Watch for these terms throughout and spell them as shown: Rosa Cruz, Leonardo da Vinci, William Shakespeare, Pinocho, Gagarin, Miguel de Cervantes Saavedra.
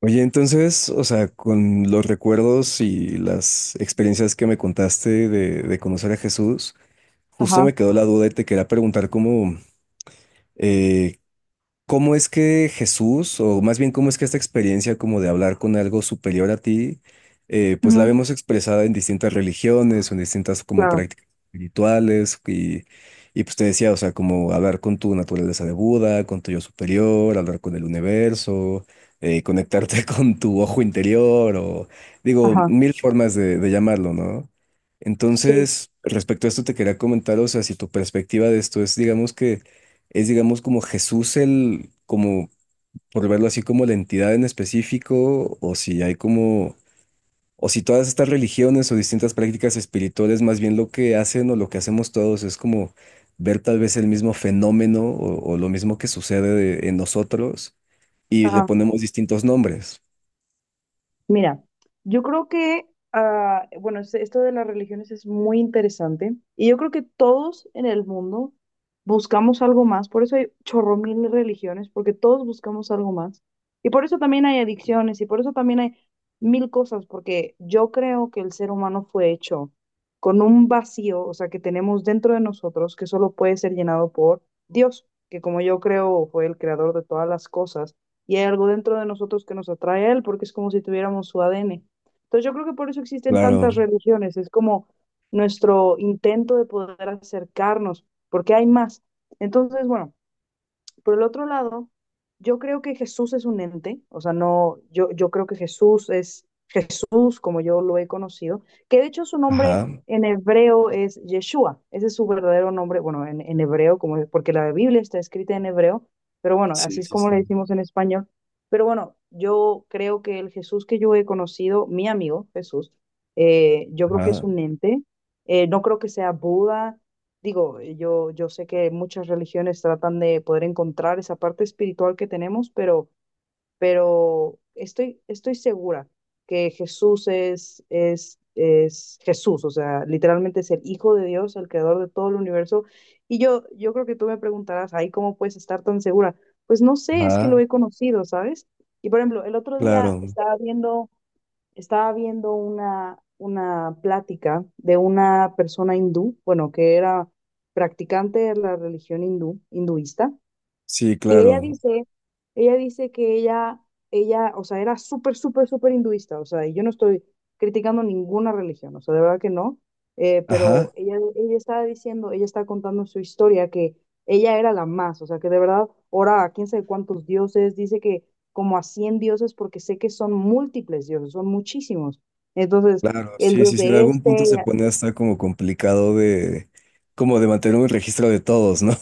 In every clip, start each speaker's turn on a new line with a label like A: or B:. A: Oye, entonces, o sea, con los recuerdos y las experiencias que me contaste de conocer a Jesús, justo
B: Ajá,
A: me quedó la duda y te quería preguntar eh, ¿Cómo es que Jesús, o más bien cómo es que esta experiencia como de hablar con algo superior a ti, pues la
B: ujú,
A: vemos expresada en distintas religiones, o en distintas como
B: claro,
A: prácticas espirituales, y pues te decía, o sea, como hablar con tu naturaleza de Buda, con tu yo superior, hablar con el universo, conectarte con tu ojo interior, o digo,
B: ajá,
A: mil formas de llamarlo, ¿no?
B: sí,
A: Entonces, respecto a esto te quería comentar, o sea, si tu perspectiva de esto es, digamos que es, digamos, como Jesús el, como, por verlo así, como la entidad en específico, o si hay como, o si todas estas religiones o distintas prácticas espirituales, más bien lo que hacen o lo que hacemos todos es como ver tal vez el mismo fenómeno o lo mismo que sucede en nosotros y le
B: ajá.
A: ponemos distintos nombres.
B: Mira, yo creo que, bueno, esto de las religiones es muy interesante y yo creo que todos en el mundo buscamos algo más, por eso hay chorro mil de religiones, porque todos buscamos algo más y por eso también hay adicciones y por eso también hay mil cosas, porque yo creo que el ser humano fue hecho con un vacío, o sea, que tenemos dentro de nosotros que solo puede ser llenado por Dios, que como yo creo fue el creador de todas las cosas y hay algo dentro de nosotros que nos atrae a él, porque es como si tuviéramos su ADN. Entonces yo creo que por eso existen tantas
A: Claro,
B: religiones, es como nuestro intento de poder acercarnos, porque hay más. Entonces, bueno, por el otro lado, yo creo que Jesús es un ente, o sea, no, yo creo que Jesús es Jesús, como yo lo he conocido, que de hecho su nombre
A: ajá.
B: en hebreo es Yeshua, ese es su verdadero nombre, bueno, en hebreo, como, porque la Biblia está escrita en hebreo, pero bueno, así
A: Sí,
B: es
A: sí,
B: como
A: sí.
B: le decimos en español. Pero bueno, yo creo que el Jesús que yo he conocido, mi amigo Jesús, yo creo que es
A: Ajá,
B: un ente, no creo que sea Buda. Digo, yo sé que muchas religiones tratan de poder encontrar esa parte espiritual que tenemos, pero estoy segura que Jesús es Jesús, o sea, literalmente es el Hijo de Dios, el creador de todo el universo. Y yo creo que tú me preguntarás, ¿ahí cómo puedes estar tan segura? Pues no sé, es que
A: ajá,
B: lo he conocido, ¿sabes? Y por ejemplo, el otro día
A: claro.
B: estaba viendo... Estaba viendo una plática de una persona hindú, bueno, que era practicante de la religión hindú, hinduista,
A: Sí,
B: y ella
A: claro.
B: dice, ella dice que ella, o sea, era súper, súper, súper hinduista, o sea, y yo no estoy criticando ninguna religión, o sea, de verdad que no,
A: Ajá.
B: ella estaba diciendo, ella estaba contando su historia, que ella era la más, o sea, que de verdad oraba a quién sabe cuántos dioses, dice que como a 100 dioses, porque sé que son múltiples dioses, son muchísimos. Entonces,
A: Claro,
B: el
A: sí,
B: dios
A: sí, sí, en
B: de
A: algún punto
B: este,
A: se pone hasta como complicado de, como de mantener un registro de todos, ¿no?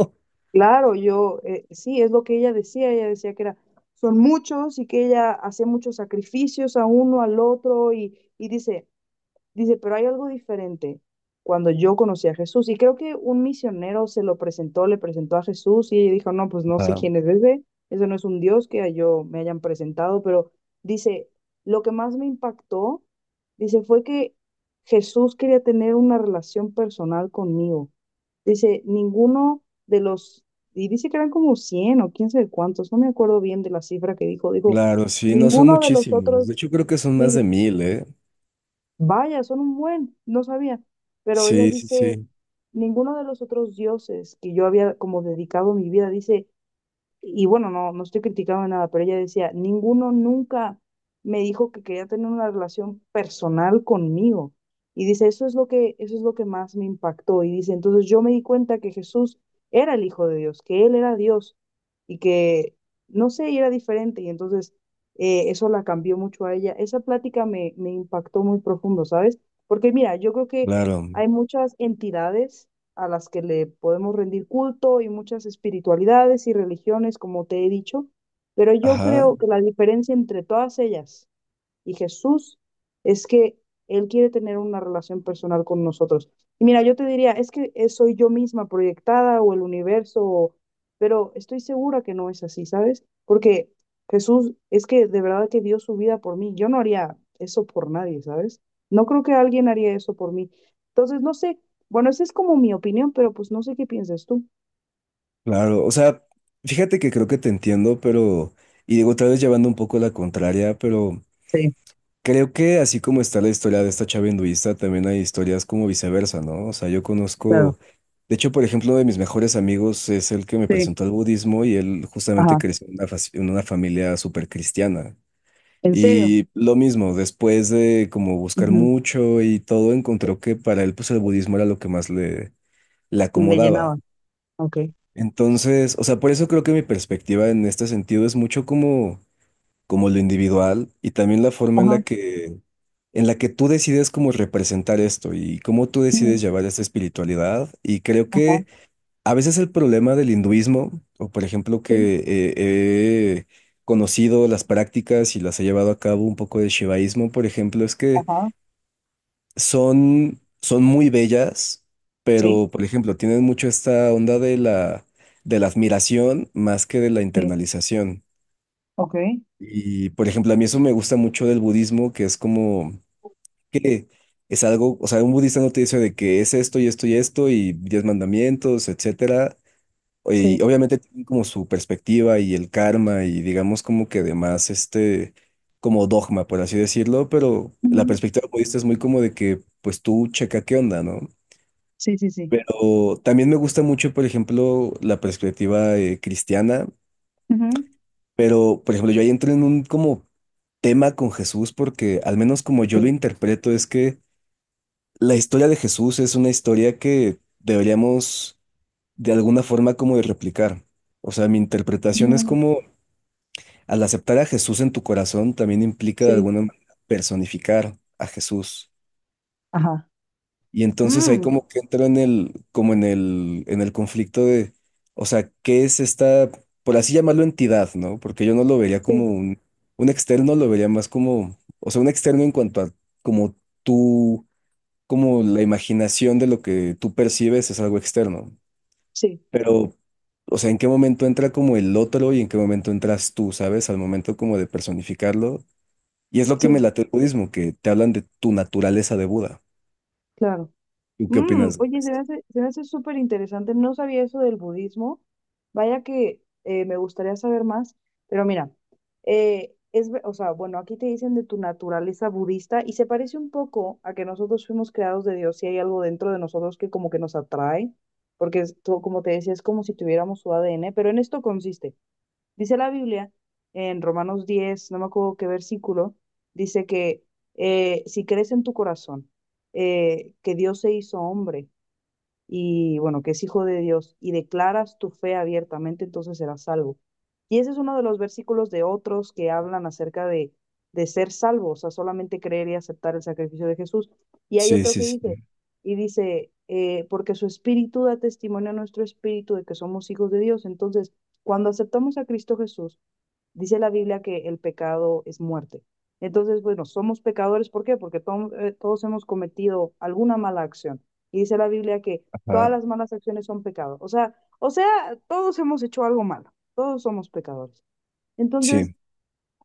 B: claro, sí, es lo que ella decía que era, son muchos y que ella hacía muchos sacrificios a uno, al otro, y dice, dice, pero hay algo diferente cuando yo conocí a Jesús. Y creo que un misionero se lo presentó, le presentó a Jesús y ella dijo, no, pues no sé
A: Ah,
B: quién es ese, eso no es un Dios que a yo me hayan presentado, pero dice, lo que más me impactó, dice, fue que Jesús quería tener una relación personal conmigo. Dice, ninguno de los, y dice que eran como 100 o quién sabe cuántos, no me acuerdo bien de la cifra que dijo, dijo,
A: claro, sí, no son
B: ninguno de los
A: muchísimos.
B: otros,
A: De hecho, creo que son más
B: sí,
A: de mil, ¿eh?
B: vaya, son un buen, no sabía. Pero ella
A: Sí, sí,
B: dice,
A: sí,
B: ninguno de los otros dioses que yo había como dedicado mi vida, dice, y bueno, no, no estoy criticando nada, pero ella decía, ninguno nunca me dijo que quería tener una relación personal conmigo. Y dice, eso es lo que más me impactó. Y dice, entonces yo me di cuenta que Jesús era el Hijo de Dios, que Él era Dios y que, no sé, y era diferente. Y entonces eso la cambió mucho a ella. Esa plática me impactó muy profundo, ¿sabes? Porque mira, yo creo que
A: claro.
B: hay muchas entidades a las que le podemos rendir culto y muchas espiritualidades y religiones, como te he dicho, pero yo
A: Ajá,
B: creo que la diferencia entre todas ellas y Jesús es que Él quiere tener una relación personal con nosotros. Y mira, yo te diría, es que soy yo misma proyectada o el universo, o pero estoy segura que no es así, ¿sabes? Porque Jesús es que de verdad que dio su vida por mí. Yo no haría eso por nadie, ¿sabes? No creo que alguien haría eso por mí. Entonces, no sé, bueno, esa es como mi opinión, pero pues no sé qué piensas tú.
A: claro. O sea, fíjate que creo que te entiendo, pero, y digo, otra vez llevando un poco la contraria, pero
B: Sí,
A: creo que así como está la historia de esta chava hinduista, también hay historias como viceversa, ¿no? O sea, yo
B: claro,
A: conozco, de hecho, por ejemplo, uno de mis mejores amigos es el que me
B: sí,
A: presentó al budismo y él justamente
B: ajá,
A: creció en una familia súper cristiana.
B: en serio,
A: Y lo mismo, después de como buscar
B: ujú,
A: mucho y todo, encontró que para él pues el budismo era lo que más le
B: le
A: acomodaba.
B: llenaba, ok,
A: Entonces, o sea, por eso creo que mi perspectiva en este sentido es mucho como lo individual y también la forma en
B: ajá,
A: la que, en la que tú decides cómo representar esto y cómo tú decides
B: ujú,
A: llevar esta espiritualidad. Y creo
B: ajá,
A: que a veces el problema del hinduismo, o por ejemplo
B: sí.
A: que he conocido las prácticas y las he llevado a cabo un poco de shivaísmo, por ejemplo, es que
B: Ajá,
A: son muy bellas,
B: sí,
A: pero por ejemplo tienen mucho esta onda de la admiración más que de la
B: sí,
A: internalización.
B: ok,
A: Y, por ejemplo, a mí eso me gusta mucho del budismo, que es como que es algo, o sea, un budista no te dice de que es esto y esto y esto y diez mandamientos, etcétera. Y
B: sí,
A: obviamente tienen como su perspectiva y el karma y digamos como que además este, como dogma, por así decirlo, pero la
B: ujú,
A: perspectiva budista es muy como de que pues tú checa qué onda, ¿no?
B: sí, sí, sí,
A: Pero también me gusta mucho, por ejemplo, la perspectiva cristiana.
B: ujú,
A: Pero, por ejemplo, yo ahí entro en un como tema con Jesús porque al menos como yo lo
B: sí,
A: interpreto es que la historia de Jesús es una historia que deberíamos de alguna forma como de replicar. O sea, mi interpretación es
B: ujú,
A: como al aceptar a Jesús en tu corazón también implica de
B: sí,
A: alguna manera personificar a Jesús.
B: ajá,
A: Y entonces ahí
B: mm,
A: como que entro en el, como en el conflicto de, o sea, ¿qué es esta, por así llamarlo entidad, ¿no? Porque yo no lo vería como
B: sí,
A: un externo, lo vería más como, o sea, un externo en cuanto a como tú, como la imaginación de lo que tú percibes es algo externo.
B: sí,
A: Pero, o sea, ¿en qué momento entra como el otro y en qué momento entras tú, ¿sabes? Al momento como de personificarlo. Y es lo que me
B: sí,
A: late el budismo, que te hablan de tu naturaleza de Buda.
B: claro.
A: ¿Tú qué
B: Mm,
A: opinas de
B: oye,
A: esto?
B: se me hace súper interesante. No sabía eso del budismo. Vaya que me gustaría saber más. Pero mira, o sea, bueno, aquí te dicen de tu naturaleza budista y se parece un poco a que nosotros fuimos creados de Dios y hay algo dentro de nosotros que como que nos atrae, porque como te decía, es como si tuviéramos su ADN, pero en esto consiste. Dice la Biblia en Romanos 10 no me acuerdo qué versículo, dice que si crees en tu corazón que Dios se hizo hombre y bueno, que es hijo de Dios, y declaras tu fe abiertamente, entonces serás salvo. Y ese es uno de los versículos de otros que hablan acerca de ser salvo, o sea, solamente creer y aceptar el sacrificio de Jesús. Y hay
A: Sí,
B: otro
A: sí,
B: que
A: sí.
B: dice, y dice, porque su espíritu da testimonio a nuestro espíritu de que somos hijos de Dios. Entonces, cuando aceptamos a Cristo Jesús, dice la Biblia que el pecado es muerte. Entonces, bueno, somos pecadores, ¿por qué? Porque todos hemos cometido alguna mala acción. Y dice la Biblia que todas
A: Ah,
B: las malas acciones son pecado. O sea, todos hemos hecho algo malo, todos somos pecadores. Entonces,
A: sí,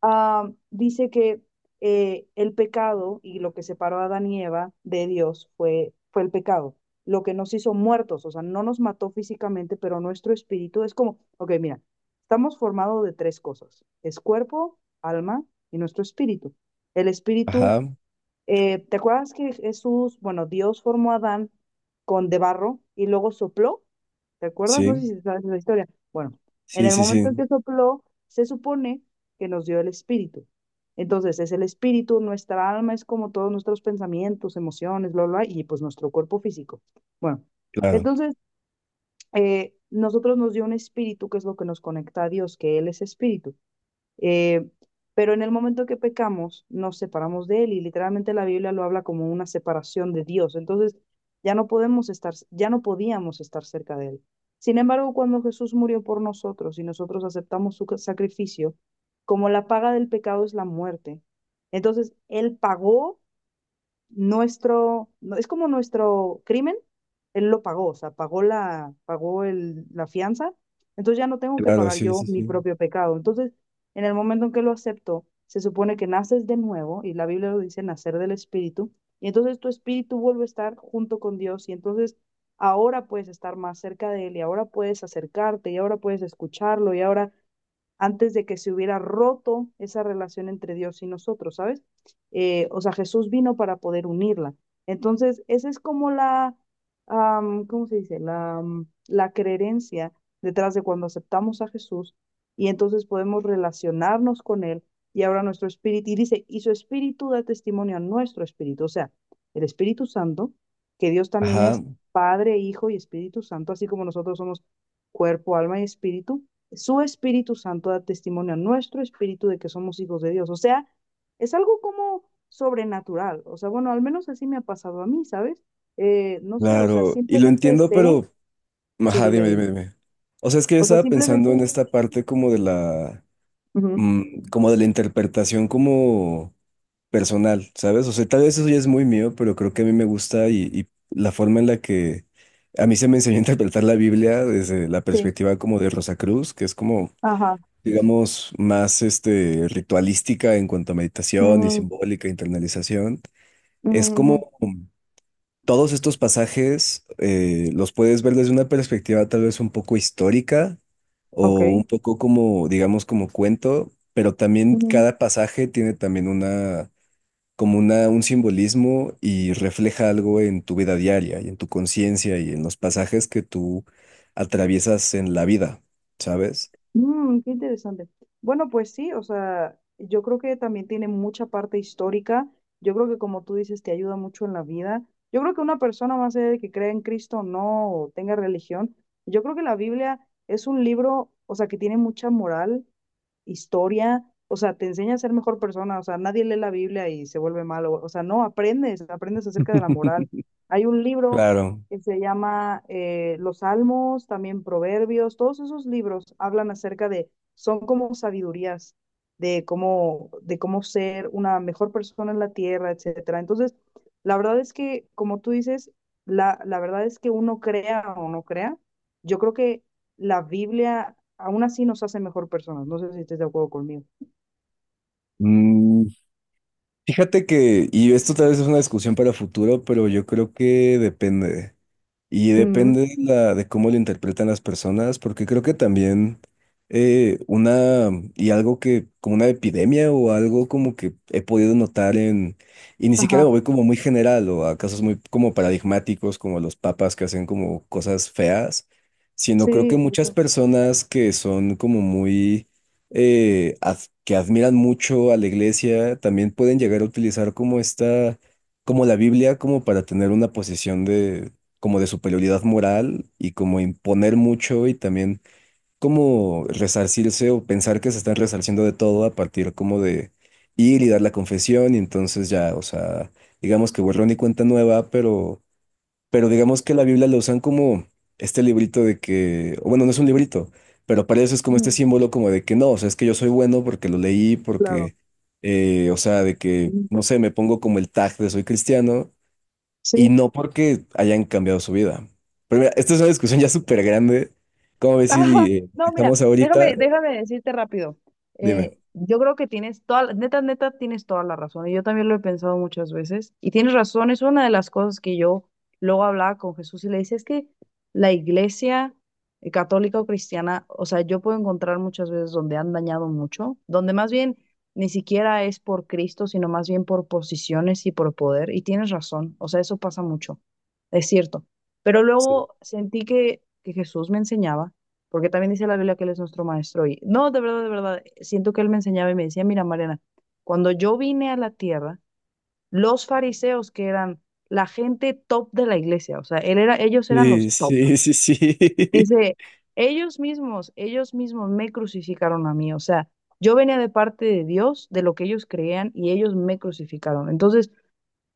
B: dice que el pecado y lo que separó a Adán y Eva de Dios fue el pecado, lo que nos hizo muertos, o sea, no nos mató físicamente, pero nuestro espíritu es como, ok, mira, estamos formados de tres cosas, es cuerpo, alma y nuestro espíritu. El espíritu
A: ajá,
B: ¿te acuerdas que Jesús, bueno, Dios formó a Adán con de barro y luego sopló? ¿Te acuerdas? No sé
A: sí,
B: si sabes la historia. Bueno, en
A: sí,
B: el
A: sí,
B: momento en
A: sí,
B: que sopló, se supone que nos dio el espíritu. Entonces, es el espíritu, nuestra alma es como todos nuestros pensamientos, emociones, bla, bla, bla, y pues nuestro cuerpo físico. Bueno,
A: claro,
B: entonces, nosotros nos dio un espíritu que es lo que nos conecta a Dios, que Él es espíritu. Eh, pero en el momento que pecamos, nos separamos de Él y literalmente la Biblia lo habla como una separación de Dios. Entonces, ya no podíamos estar cerca de Él. Sin embargo, cuando Jesús murió por nosotros y nosotros aceptamos su sacrificio, como la paga del pecado es la muerte, entonces Él pagó nuestro, no- es como nuestro crimen, él lo pagó, o sea, pagó la fianza, entonces ya no tengo que
A: claro,
B: pagar
A: sí,
B: yo
A: sí,
B: mi
A: sí,
B: propio pecado. Entonces, en el momento en que lo acepto, se supone que naces de nuevo, y la Biblia lo dice, nacer del Espíritu, y entonces tu espíritu vuelve a estar junto con Dios, y entonces ahora puedes estar más cerca de Él, y ahora puedes acercarte, y ahora puedes escucharlo, y ahora antes de que se hubiera roto esa relación entre Dios y nosotros, ¿sabes? O sea, Jesús vino para poder unirla. Entonces, esa es como ¿cómo se dice? La creencia detrás de cuando aceptamos a Jesús y entonces podemos relacionarnos con Él y ahora nuestro espíritu, y dice, y su espíritu da testimonio a nuestro espíritu, o sea, el Espíritu Santo, que Dios también
A: ajá,
B: es Padre, Hijo y Espíritu Santo, así como nosotros somos cuerpo, alma y espíritu, su Espíritu Santo da testimonio a nuestro espíritu de que somos hijos de Dios. O sea, es algo como sobrenatural. O sea, bueno, al menos así me ha pasado a mí, ¿sabes? No sé, o sea,
A: claro, y lo
B: simplemente
A: entiendo,
B: sé.
A: pero,
B: Sí,
A: ajá,
B: dime,
A: dime, dime,
B: dime.
A: dime. O sea, es que yo
B: O sea,
A: estaba pensando
B: simplemente.
A: en esta parte como de la,
B: Ujú,
A: mm, como de la interpretación como personal, ¿sabes? O sea, tal vez eso ya es muy mío, pero creo que a mí me gusta y la forma en la que a mí se me enseñó a interpretar la Biblia desde la
B: sí,
A: perspectiva como de Rosa Cruz, que es como
B: ajá.
A: digamos, más este, ritualística en cuanto a meditación y
B: Ujú,
A: simbólica, internalización,
B: ujú,
A: es
B: ujú,
A: como todos estos pasajes los puedes ver desde una perspectiva tal vez un poco histórica o un
B: ok.
A: poco como, digamos, como cuento, pero también cada pasaje tiene también un simbolismo y refleja algo en tu vida diaria y en tu conciencia y en los pasajes que tú atraviesas en la vida, ¿sabes?
B: Mm, qué interesante. Bueno, pues sí, o sea, yo creo que también tiene mucha parte histórica. Yo creo que como tú dices, te ayuda mucho en la vida. Yo creo que una persona más allá de que crea en Cristo o no, o tenga religión, yo creo que la Biblia es un libro, o sea, que tiene mucha moral historia, o sea, te enseña a ser mejor persona, o sea, nadie lee la Biblia y se vuelve malo, o sea, no, aprendes, aprendes acerca de la moral. Hay un libro
A: Claro.
B: que se llama Los Salmos, también Proverbios, todos esos libros hablan acerca de, son como sabidurías de cómo ser una mejor persona en la tierra, etcétera. Entonces, la verdad es que, como tú dices, la verdad es que uno crea o no crea, yo creo que la Biblia aún así nos hace mejor personas. No sé si estés de acuerdo conmigo.
A: Mm, Fíjate que, y esto tal vez es una discusión para futuro, pero yo creo que depende. Y
B: Mm,
A: depende de cómo lo interpretan las personas, porque creo que también una, y algo que, como una epidemia o algo como que he podido notar en, y ni siquiera
B: ajá,
A: lo voy como muy general o a casos muy como paradigmáticos, como los papas que hacen como cosas feas, sino creo
B: sí,
A: que
B: es
A: muchas
B: eso.
A: personas que son como muy, eh, ad- que admiran mucho a la iglesia, también pueden llegar a utilizar como esta como la Biblia, como para tener una posición como de superioridad moral y como imponer mucho y también como resarcirse o pensar que se están resarciendo de todo a partir como de ir y dar la confesión y entonces ya, o sea, digamos que borrón y cuenta nueva, pero, digamos que la Biblia la usan como este librito de que, o bueno, no es un librito, pero para eso es como este
B: Ujú,
A: símbolo como de que no, o sea, es que yo soy bueno porque lo leí,
B: claro.
A: porque... o sea, de que,
B: Ujú,
A: no sé, me pongo como el tag de soy cristiano y
B: sí.
A: no porque hayan cambiado su vida. Pero mira, esta es una discusión ya súper grande. ¿Cómo ves
B: Ajá.
A: si
B: No, mira,
A: dejamos ahorita?
B: déjame decirte rápido.
A: Dime.
B: Yo creo que neta, neta, tienes toda la razón. Y yo también lo he pensado muchas veces. Y tienes razón, es una de las cosas que yo luego hablaba con Jesús y le decía, es que la iglesia católica o cristiana, o sea, yo puedo encontrar muchas veces donde han dañado mucho, donde más bien ni siquiera es por Cristo, sino más bien por posiciones y por poder. Y tienes razón, o sea, eso pasa mucho, es cierto. Pero
A: Sí.
B: luego sentí que Jesús me enseñaba porque también dice la Biblia que Él es nuestro maestro. Y no, de verdad, siento que Él me enseñaba y me decía, mira, Mariana, cuando yo vine a la tierra, los fariseos que eran la gente top de la iglesia, o sea, él era, ellos eran
A: Sí,
B: los top.
A: sí, sí, sí.
B: Dice, ellos mismos me crucificaron a mí, o sea, yo venía de parte de Dios, de lo que ellos creían, y ellos me crucificaron. Entonces,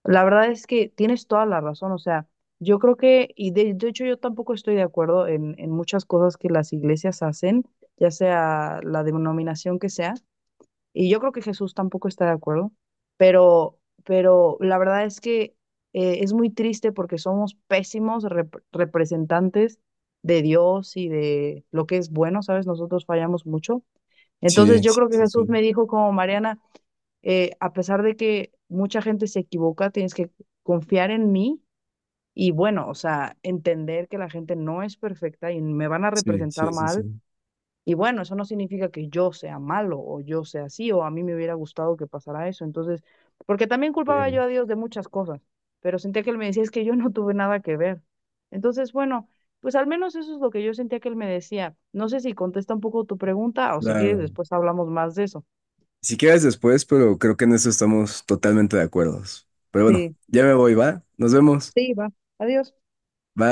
B: la verdad es que tienes toda la razón, o sea, yo creo que, y de hecho yo tampoco estoy de acuerdo en muchas cosas que las iglesias hacen, ya sea la denominación que sea, y yo creo que Jesús tampoco está de acuerdo, pero la verdad es que es muy triste porque somos pésimos representantes de Dios y de lo que es bueno, ¿sabes? Nosotros fallamos mucho. Entonces
A: Sí,
B: yo
A: sí,
B: creo que
A: sí,
B: Jesús
A: sí.
B: me dijo como Mariana a pesar de que mucha gente se equivoca, tienes que confiar en mí y bueno, o sea, entender que la gente no es perfecta y me van a
A: Sí,
B: representar
A: sí, sí,
B: mal.
A: sí.
B: Y bueno, eso no significa que yo sea malo o yo sea así o a mí me hubiera gustado que pasara eso. Entonces, porque también culpaba yo
A: Bien.
B: a Dios de muchas cosas, pero sentía que él me decía, es que yo no tuve nada que ver. Entonces, bueno, pues al menos eso es lo que yo sentía que él me decía. No sé si contesta un poco tu pregunta o si quieres
A: Claro.
B: después hablamos más de eso.
A: Si quieres después, pero creo que en eso estamos totalmente de acuerdo. Pero bueno,
B: Sí,
A: ya me voy, ¿va? Nos vemos.
B: sí, va. Adiós.
A: Bye.